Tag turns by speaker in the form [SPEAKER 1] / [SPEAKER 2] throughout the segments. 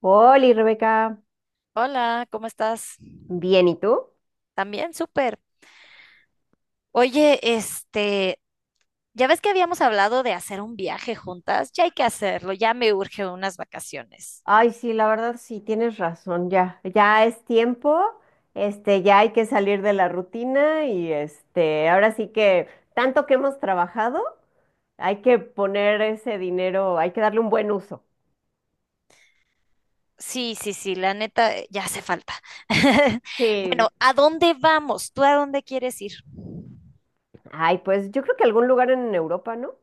[SPEAKER 1] Hola, Rebeca.
[SPEAKER 2] Hola, ¿cómo estás?
[SPEAKER 1] Bien, ¿y tú?
[SPEAKER 2] También, súper. Oye, ya ves que habíamos hablado de hacer un viaje juntas, ya hay que hacerlo, ya me urge unas vacaciones.
[SPEAKER 1] Ay, sí, la verdad sí, tienes razón, ya, ya es tiempo, ya hay que salir de la rutina y ahora sí que tanto que hemos trabajado, hay que poner ese dinero, hay que darle un buen uso.
[SPEAKER 2] Sí, sí, sí, la neta, ya hace falta.
[SPEAKER 1] Sí.
[SPEAKER 2] Bueno, ¿a dónde vamos? ¿Tú a dónde quieres ir?
[SPEAKER 1] Ay, pues yo creo que algún lugar en Europa, ¿no?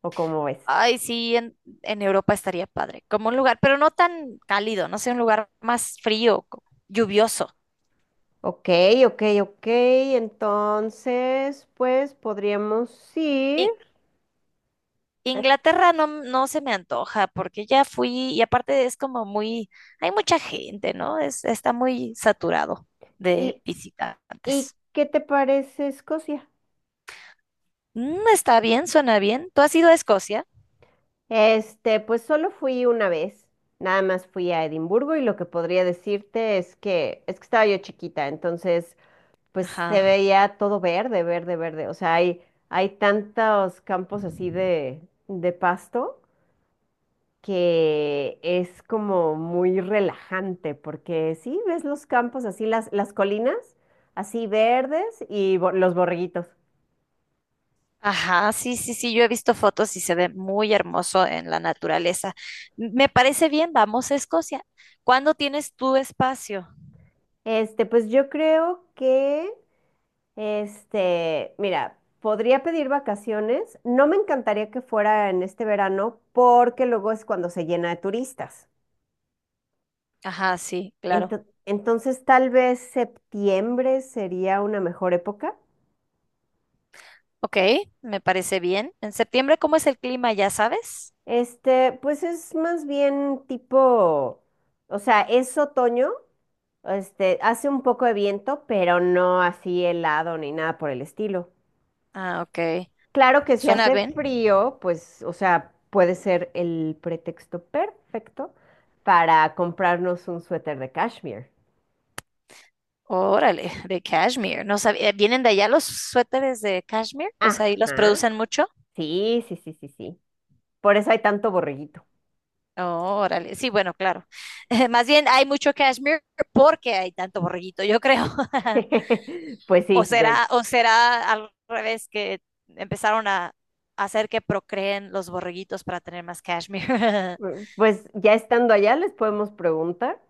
[SPEAKER 1] ¿O cómo ves?
[SPEAKER 2] Ay, sí, en Europa estaría padre, como un lugar, pero no tan cálido, no sé, un lugar más frío, lluvioso.
[SPEAKER 1] Ok, ok, ok, entonces, pues podríamos ir.
[SPEAKER 2] Inglaterra no, no se me antoja porque ya fui y aparte es como muy, hay mucha gente, ¿no? Está muy saturado de
[SPEAKER 1] ¿Y, y
[SPEAKER 2] visitantes.
[SPEAKER 1] qué te parece Escocia?
[SPEAKER 2] Mm, está bien, suena bien. ¿Tú has ido a Escocia?
[SPEAKER 1] Pues solo fui una vez, nada más fui a Edimburgo y lo que podría decirte es que estaba yo chiquita, entonces pues se
[SPEAKER 2] Ajá.
[SPEAKER 1] veía todo verde, verde, verde, o sea, hay tantos campos así de pasto que es como muy relajante porque sí, ves los campos así las colinas así verdes y los borreguitos.
[SPEAKER 2] Ajá, sí, sí, sí, yo he visto fotos y se ve muy hermoso en la naturaleza. Me parece bien, vamos a Escocia. ¿Cuándo tienes tu espacio?
[SPEAKER 1] Pues yo creo que mira, podría pedir vacaciones. No me encantaría que fuera en este verano porque luego es cuando se llena de turistas.
[SPEAKER 2] Ajá, sí, claro.
[SPEAKER 1] Entonces, tal vez septiembre sería una mejor época.
[SPEAKER 2] Ok, me parece bien. ¿En septiembre cómo es el clima, ya sabes?
[SPEAKER 1] Pues es más bien tipo, o sea, es otoño, hace un poco de viento, pero no así helado ni nada por el estilo.
[SPEAKER 2] Ah, ok.
[SPEAKER 1] Claro que si
[SPEAKER 2] ¿Suena
[SPEAKER 1] hace
[SPEAKER 2] bien?
[SPEAKER 1] frío, pues, o sea, puede ser el pretexto perfecto para comprarnos un suéter de cashmere.
[SPEAKER 2] Órale, de cashmere. No sabía, ¿vienen de allá los suéteres de cashmere? O sea, ahí los
[SPEAKER 1] Ajá.
[SPEAKER 2] producen mucho.
[SPEAKER 1] Sí, sí, sí, sí, sí. Por eso hay tanto borreguito.
[SPEAKER 2] Órale, sí, bueno, claro. Más bien hay mucho cashmere porque hay tanto borreguito, yo creo.
[SPEAKER 1] Pues
[SPEAKER 2] O
[SPEAKER 1] sí,
[SPEAKER 2] será, o será al revés que empezaron a hacer que procreen los borreguitos para tener más cashmere.
[SPEAKER 1] pues ya estando allá les podemos preguntar.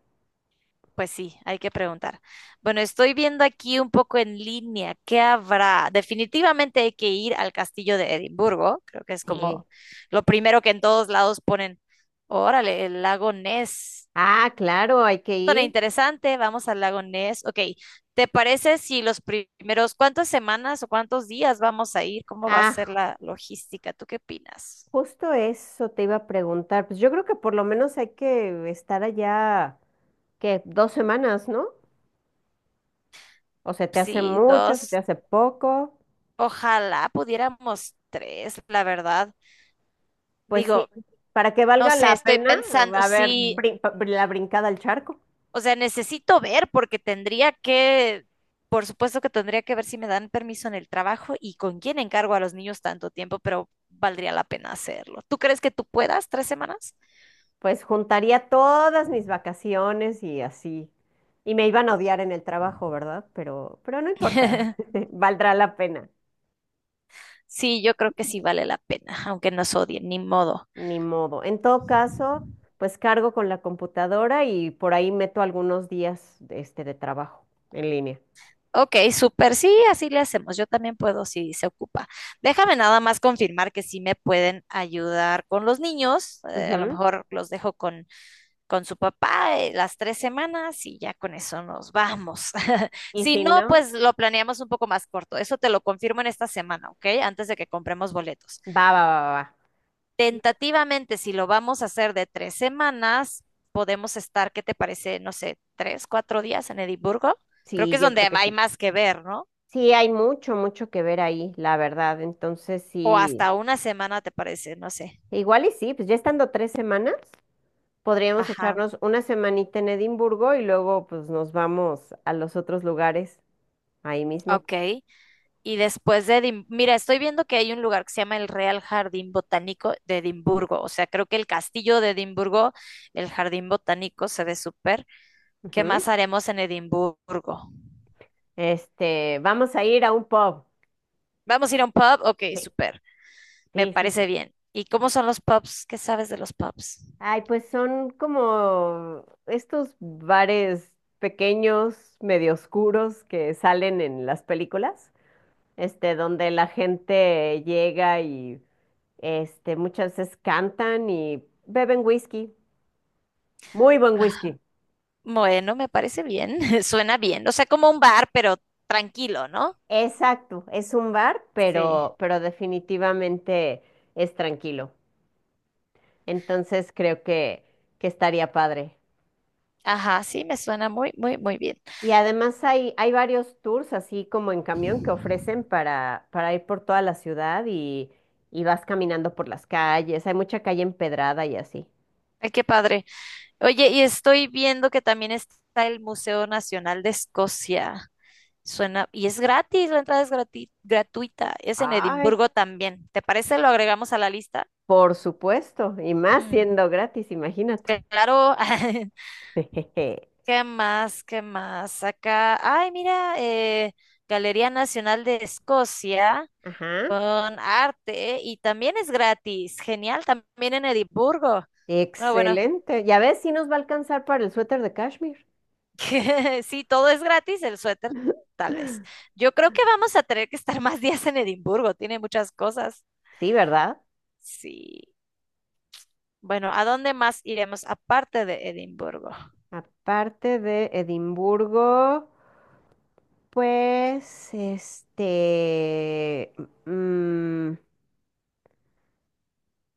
[SPEAKER 2] Pues sí, hay que preguntar. Bueno, estoy viendo aquí un poco en línea. ¿Qué habrá? Definitivamente hay que ir al castillo de Edimburgo. Creo que es
[SPEAKER 1] Sí.
[SPEAKER 2] como lo primero que en todos lados ponen. Órale, el lago Ness.
[SPEAKER 1] Ah, claro, hay que
[SPEAKER 2] Suena
[SPEAKER 1] ir.
[SPEAKER 2] interesante. Vamos al lago Ness. Ok, ¿te parece si cuántas semanas o cuántos días vamos a ir? ¿Cómo va a ser
[SPEAKER 1] Ah,
[SPEAKER 2] la logística? ¿Tú qué opinas?
[SPEAKER 1] justo eso te iba a preguntar. Pues yo creo que por lo menos hay que estar allá, ¿qué? 2 semanas, ¿no? O se te hace
[SPEAKER 2] Sí,
[SPEAKER 1] mucho, se te
[SPEAKER 2] dos.
[SPEAKER 1] hace poco.
[SPEAKER 2] Ojalá pudiéramos tres, la verdad.
[SPEAKER 1] Pues sí,
[SPEAKER 2] Digo,
[SPEAKER 1] para que
[SPEAKER 2] no
[SPEAKER 1] valga
[SPEAKER 2] sé,
[SPEAKER 1] la
[SPEAKER 2] estoy
[SPEAKER 1] pena,
[SPEAKER 2] pensando,
[SPEAKER 1] a ver,
[SPEAKER 2] sí,
[SPEAKER 1] la brincada al charco,
[SPEAKER 2] o sea, necesito ver porque por supuesto que tendría que ver si me dan permiso en el trabajo y con quién encargo a los niños tanto tiempo, pero valdría la pena hacerlo. ¿Tú crees que tú puedas 3 semanas?
[SPEAKER 1] pues juntaría todas mis vacaciones y así. Y me iban a odiar en el trabajo, ¿verdad? Pero no importa, valdrá la pena,
[SPEAKER 2] Sí, yo creo que sí vale la pena, aunque nos odien, ni modo.
[SPEAKER 1] ni modo. En todo caso, pues cargo con la computadora y por ahí meto algunos días de trabajo en línea.
[SPEAKER 2] Ok, súper, sí, así le hacemos. Yo también puedo si se ocupa. Déjame nada más confirmar que sí me pueden ayudar con los niños. A lo
[SPEAKER 1] Ujú.
[SPEAKER 2] mejor los dejo con su papá las 3 semanas y ya con eso nos vamos.
[SPEAKER 1] Y
[SPEAKER 2] Si
[SPEAKER 1] si
[SPEAKER 2] no,
[SPEAKER 1] no,
[SPEAKER 2] pues lo planeamos un poco más corto. Eso te lo confirmo en esta semana, ¿ok? Antes de que compremos boletos.
[SPEAKER 1] va, va, va, va. Va.
[SPEAKER 2] Tentativamente, si lo vamos a hacer de 3 semanas, podemos estar, ¿qué te parece? No sé, 3, 4 días en Edimburgo. Creo
[SPEAKER 1] Sí,
[SPEAKER 2] que es
[SPEAKER 1] yo creo
[SPEAKER 2] donde
[SPEAKER 1] que
[SPEAKER 2] hay
[SPEAKER 1] sí.
[SPEAKER 2] más que ver, ¿no?
[SPEAKER 1] Sí, hay mucho, mucho que ver ahí, la verdad. Entonces,
[SPEAKER 2] O
[SPEAKER 1] sí,
[SPEAKER 2] hasta una semana, ¿te parece? No sé.
[SPEAKER 1] igual y sí, pues ya estando 3 semanas, podríamos
[SPEAKER 2] Ajá.
[SPEAKER 1] echarnos una semanita en Edimburgo y luego pues nos vamos a los otros lugares ahí mismo.
[SPEAKER 2] Ok. Mira, estoy viendo que hay un lugar que se llama el Real Jardín Botánico de Edimburgo. O sea, creo que el castillo de Edimburgo, el Jardín Botánico, se ve súper. ¿Qué
[SPEAKER 1] Ujú.
[SPEAKER 2] más haremos en Edimburgo?
[SPEAKER 1] Este, vamos a ir a un pub.
[SPEAKER 2] ¿Vamos a ir a un pub? Ok,
[SPEAKER 1] Sí,
[SPEAKER 2] súper. Me
[SPEAKER 1] sí, sí,
[SPEAKER 2] parece
[SPEAKER 1] sí.
[SPEAKER 2] bien. ¿Y cómo son los pubs? ¿Qué sabes de los pubs?
[SPEAKER 1] Ay, pues son como estos bares pequeños, medio oscuros que salen en las películas, donde la gente llega y muchas veces cantan y beben whisky, muy buen whisky.
[SPEAKER 2] Bueno, me parece bien. Suena bien. O sea, como un bar, pero tranquilo, ¿no?
[SPEAKER 1] Exacto, es un bar,
[SPEAKER 2] Sí.
[SPEAKER 1] pero definitivamente es tranquilo. Entonces creo que estaría padre.
[SPEAKER 2] Ajá, sí, me suena muy, muy, muy bien.
[SPEAKER 1] Y además hay, hay varios tours, así como en camión, que ofrecen para ir por toda la ciudad y vas caminando por las calles. Hay mucha calle empedrada y así.
[SPEAKER 2] Ay, qué padre. Oye, y estoy viendo que también está el Museo Nacional de Escocia. Suena, y es gratis, la entrada es gratuita. Es en
[SPEAKER 1] Ay,
[SPEAKER 2] Edimburgo también. ¿Te parece? Lo agregamos a la lista.
[SPEAKER 1] por supuesto, y más
[SPEAKER 2] Mm,
[SPEAKER 1] siendo gratis, imagínate.
[SPEAKER 2] claro. ¿Qué más? ¿Qué más? Acá, ay, mira, Galería Nacional de Escocia
[SPEAKER 1] Ajá.
[SPEAKER 2] con arte y también es gratis. Genial, también en Edimburgo. No, bueno,
[SPEAKER 1] Excelente. Ya ves, si nos va a alcanzar para el suéter de cashmere.
[SPEAKER 2] sí, todo es gratis, el suéter tal vez. Yo creo que vamos a tener que estar más días en Edimburgo, tiene muchas cosas.
[SPEAKER 1] Sí, ¿verdad?
[SPEAKER 2] Sí. Bueno, ¿a dónde más iremos aparte de Edimburgo?
[SPEAKER 1] Aparte de Edimburgo, pues, mm,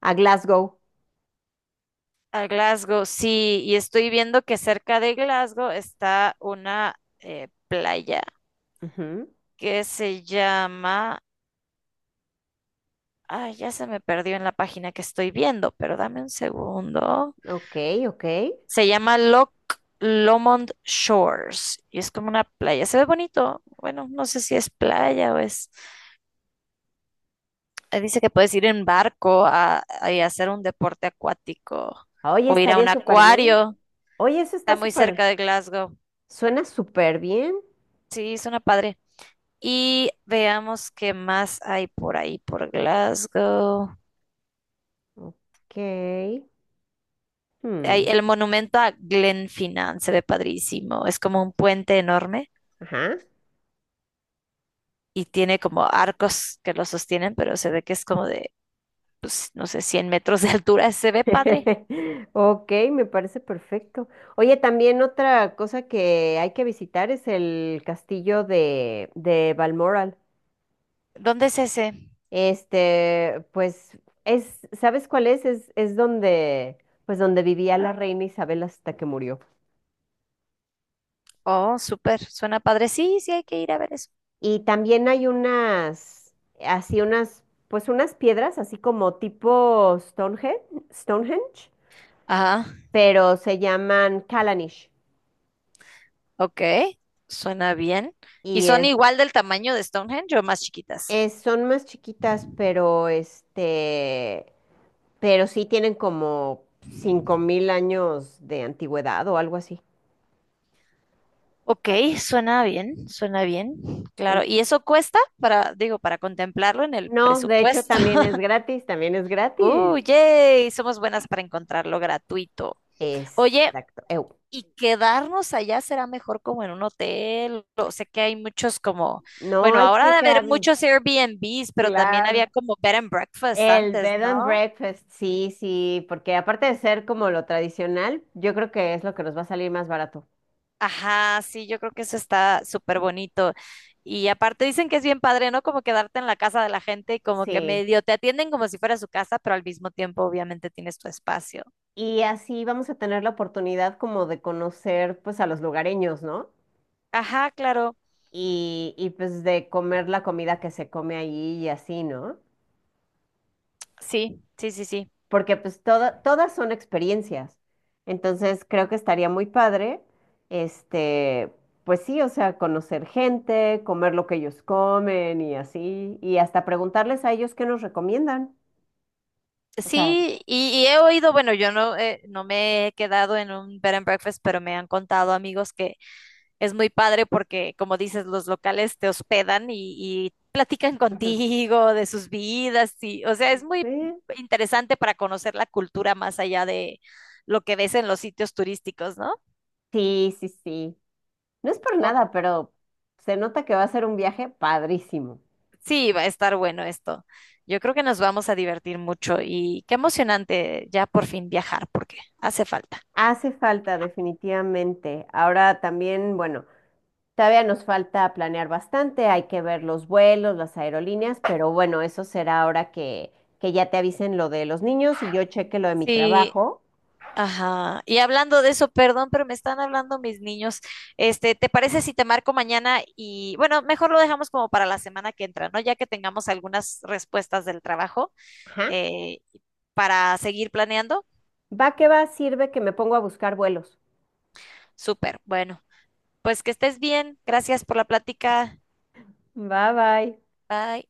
[SPEAKER 1] a Glasgow.
[SPEAKER 2] A Glasgow, sí, y estoy viendo que cerca de Glasgow está una playa
[SPEAKER 1] Ujú.
[SPEAKER 2] que se llama... Ay, ya se me perdió en la página que estoy viendo, pero dame un segundo.
[SPEAKER 1] Ok, ok.
[SPEAKER 2] Se llama Loch Lomond Shores y es como una playa. Se ve bonito. Bueno, no sé si es playa o es. Dice que puedes ir en barco y hacer un deporte acuático
[SPEAKER 1] Oye,
[SPEAKER 2] o ir a
[SPEAKER 1] estaría
[SPEAKER 2] un
[SPEAKER 1] súper bien.
[SPEAKER 2] acuario.
[SPEAKER 1] Oye, eso está
[SPEAKER 2] Está muy cerca
[SPEAKER 1] súper,
[SPEAKER 2] de Glasgow.
[SPEAKER 1] suena súper bien.
[SPEAKER 2] Sí, suena padre. Y veamos qué más hay por ahí, por Glasgow.
[SPEAKER 1] Ok.
[SPEAKER 2] Hay
[SPEAKER 1] hmm,
[SPEAKER 2] el monumento a Glenfinnan, se ve padrísimo. Es como un puente enorme
[SPEAKER 1] Ajá.
[SPEAKER 2] y tiene como arcos que lo sostienen, pero se ve que es como de pues, no sé, 100 metros de altura. Se ve padre.
[SPEAKER 1] Ok, me parece perfecto. Oye, también otra cosa que hay que visitar es el castillo de Balmoral.
[SPEAKER 2] ¿Dónde es ese?
[SPEAKER 1] Pues, es, ¿sabes cuál es? Es donde, pues, donde vivía la reina Isabel hasta que murió.
[SPEAKER 2] Oh, súper, suena padre. Sí, sí, hay que ir a ver eso.
[SPEAKER 1] Y también hay unas, así unas, pues unas piedras, así como tipo Stonehenge, Stonehenge,
[SPEAKER 2] Ajá.
[SPEAKER 1] pero se llaman Callanish.
[SPEAKER 2] Ok, suena bien. ¿Y
[SPEAKER 1] Y
[SPEAKER 2] son
[SPEAKER 1] es
[SPEAKER 2] igual del tamaño de Stonehenge o más chiquitas?
[SPEAKER 1] Son más chiquitas, pero pero sí tienen como 5.000 años de antigüedad o algo así.
[SPEAKER 2] Ok, suena bien, suena bien. Claro,
[SPEAKER 1] En-
[SPEAKER 2] ¿y eso cuesta para, digo, para contemplarlo en el
[SPEAKER 1] No, de hecho
[SPEAKER 2] presupuesto?
[SPEAKER 1] también es gratis, también es gratis.
[SPEAKER 2] ¡Uh, yay! Somos buenas para encontrarlo gratuito. Oye,
[SPEAKER 1] Exacto.
[SPEAKER 2] y quedarnos allá será mejor como en un hotel. O sé que hay muchos como,
[SPEAKER 1] No
[SPEAKER 2] bueno,
[SPEAKER 1] hay
[SPEAKER 2] ahora de
[SPEAKER 1] que
[SPEAKER 2] haber
[SPEAKER 1] quedarnos,
[SPEAKER 2] muchos Airbnbs, pero también había
[SPEAKER 1] claro.
[SPEAKER 2] como bed and breakfast
[SPEAKER 1] El
[SPEAKER 2] antes,
[SPEAKER 1] bed
[SPEAKER 2] ¿no?
[SPEAKER 1] and breakfast, sí, sí, porque aparte de ser como lo tradicional, yo creo que es lo que nos va a salir más barato.
[SPEAKER 2] Ajá, sí, yo creo que eso está súper bonito. Y aparte dicen que es bien padre, ¿no? Como quedarte en la casa de la gente y como que
[SPEAKER 1] Sí.
[SPEAKER 2] medio te atienden como si fuera su casa, pero al mismo tiempo obviamente tienes tu espacio.
[SPEAKER 1] Y así vamos a tener la oportunidad como de conocer pues a los lugareños, ¿no?
[SPEAKER 2] Ajá, claro.
[SPEAKER 1] Y, y pues de comer la comida que se come allí y así, ¿no?
[SPEAKER 2] Sí, sí, sí, sí.
[SPEAKER 1] Porque pues todas son experiencias. Entonces creo que estaría muy padre, este, pues sí, o sea, conocer gente, comer lo que ellos comen y así, y hasta preguntarles a ellos qué nos recomiendan. O sea,
[SPEAKER 2] Sí, y he oído, bueno, yo no, no me he quedado en un bed and breakfast, pero me han contado amigos que es muy padre porque, como dices, los locales te hospedan y platican
[SPEAKER 1] ujú.
[SPEAKER 2] contigo de sus vidas y, o sea, es muy
[SPEAKER 1] Sí,
[SPEAKER 2] interesante para conocer la cultura más allá de lo que ves en los sitios turísticos, ¿no?
[SPEAKER 1] sí, sí, sí. No es por
[SPEAKER 2] O-
[SPEAKER 1] nada, pero se nota que va a ser un viaje padrísimo.
[SPEAKER 2] sí, va a estar bueno esto. Yo creo que nos vamos a divertir mucho y qué emocionante ya por fin viajar porque hace falta.
[SPEAKER 1] Hace falta, definitivamente. Ahora también, bueno. Todavía nos falta planear bastante, hay que ver los vuelos, las aerolíneas, pero bueno, eso será ahora que ya te avisen lo de los niños y yo cheque lo de mi
[SPEAKER 2] Sí,
[SPEAKER 1] trabajo.
[SPEAKER 2] ajá. Y hablando de eso, perdón, pero me están hablando mis niños. Este, ¿te parece si te marco mañana? Y bueno, mejor lo dejamos como para la semana que entra, ¿no? Ya que tengamos algunas respuestas del trabajo
[SPEAKER 1] Ajá.
[SPEAKER 2] eh, para seguir planeando.
[SPEAKER 1] Va que va, sirve que me pongo a buscar vuelos.
[SPEAKER 2] Súper. Bueno, pues que estés bien. Gracias por la plática.
[SPEAKER 1] Bye bye.
[SPEAKER 2] Bye.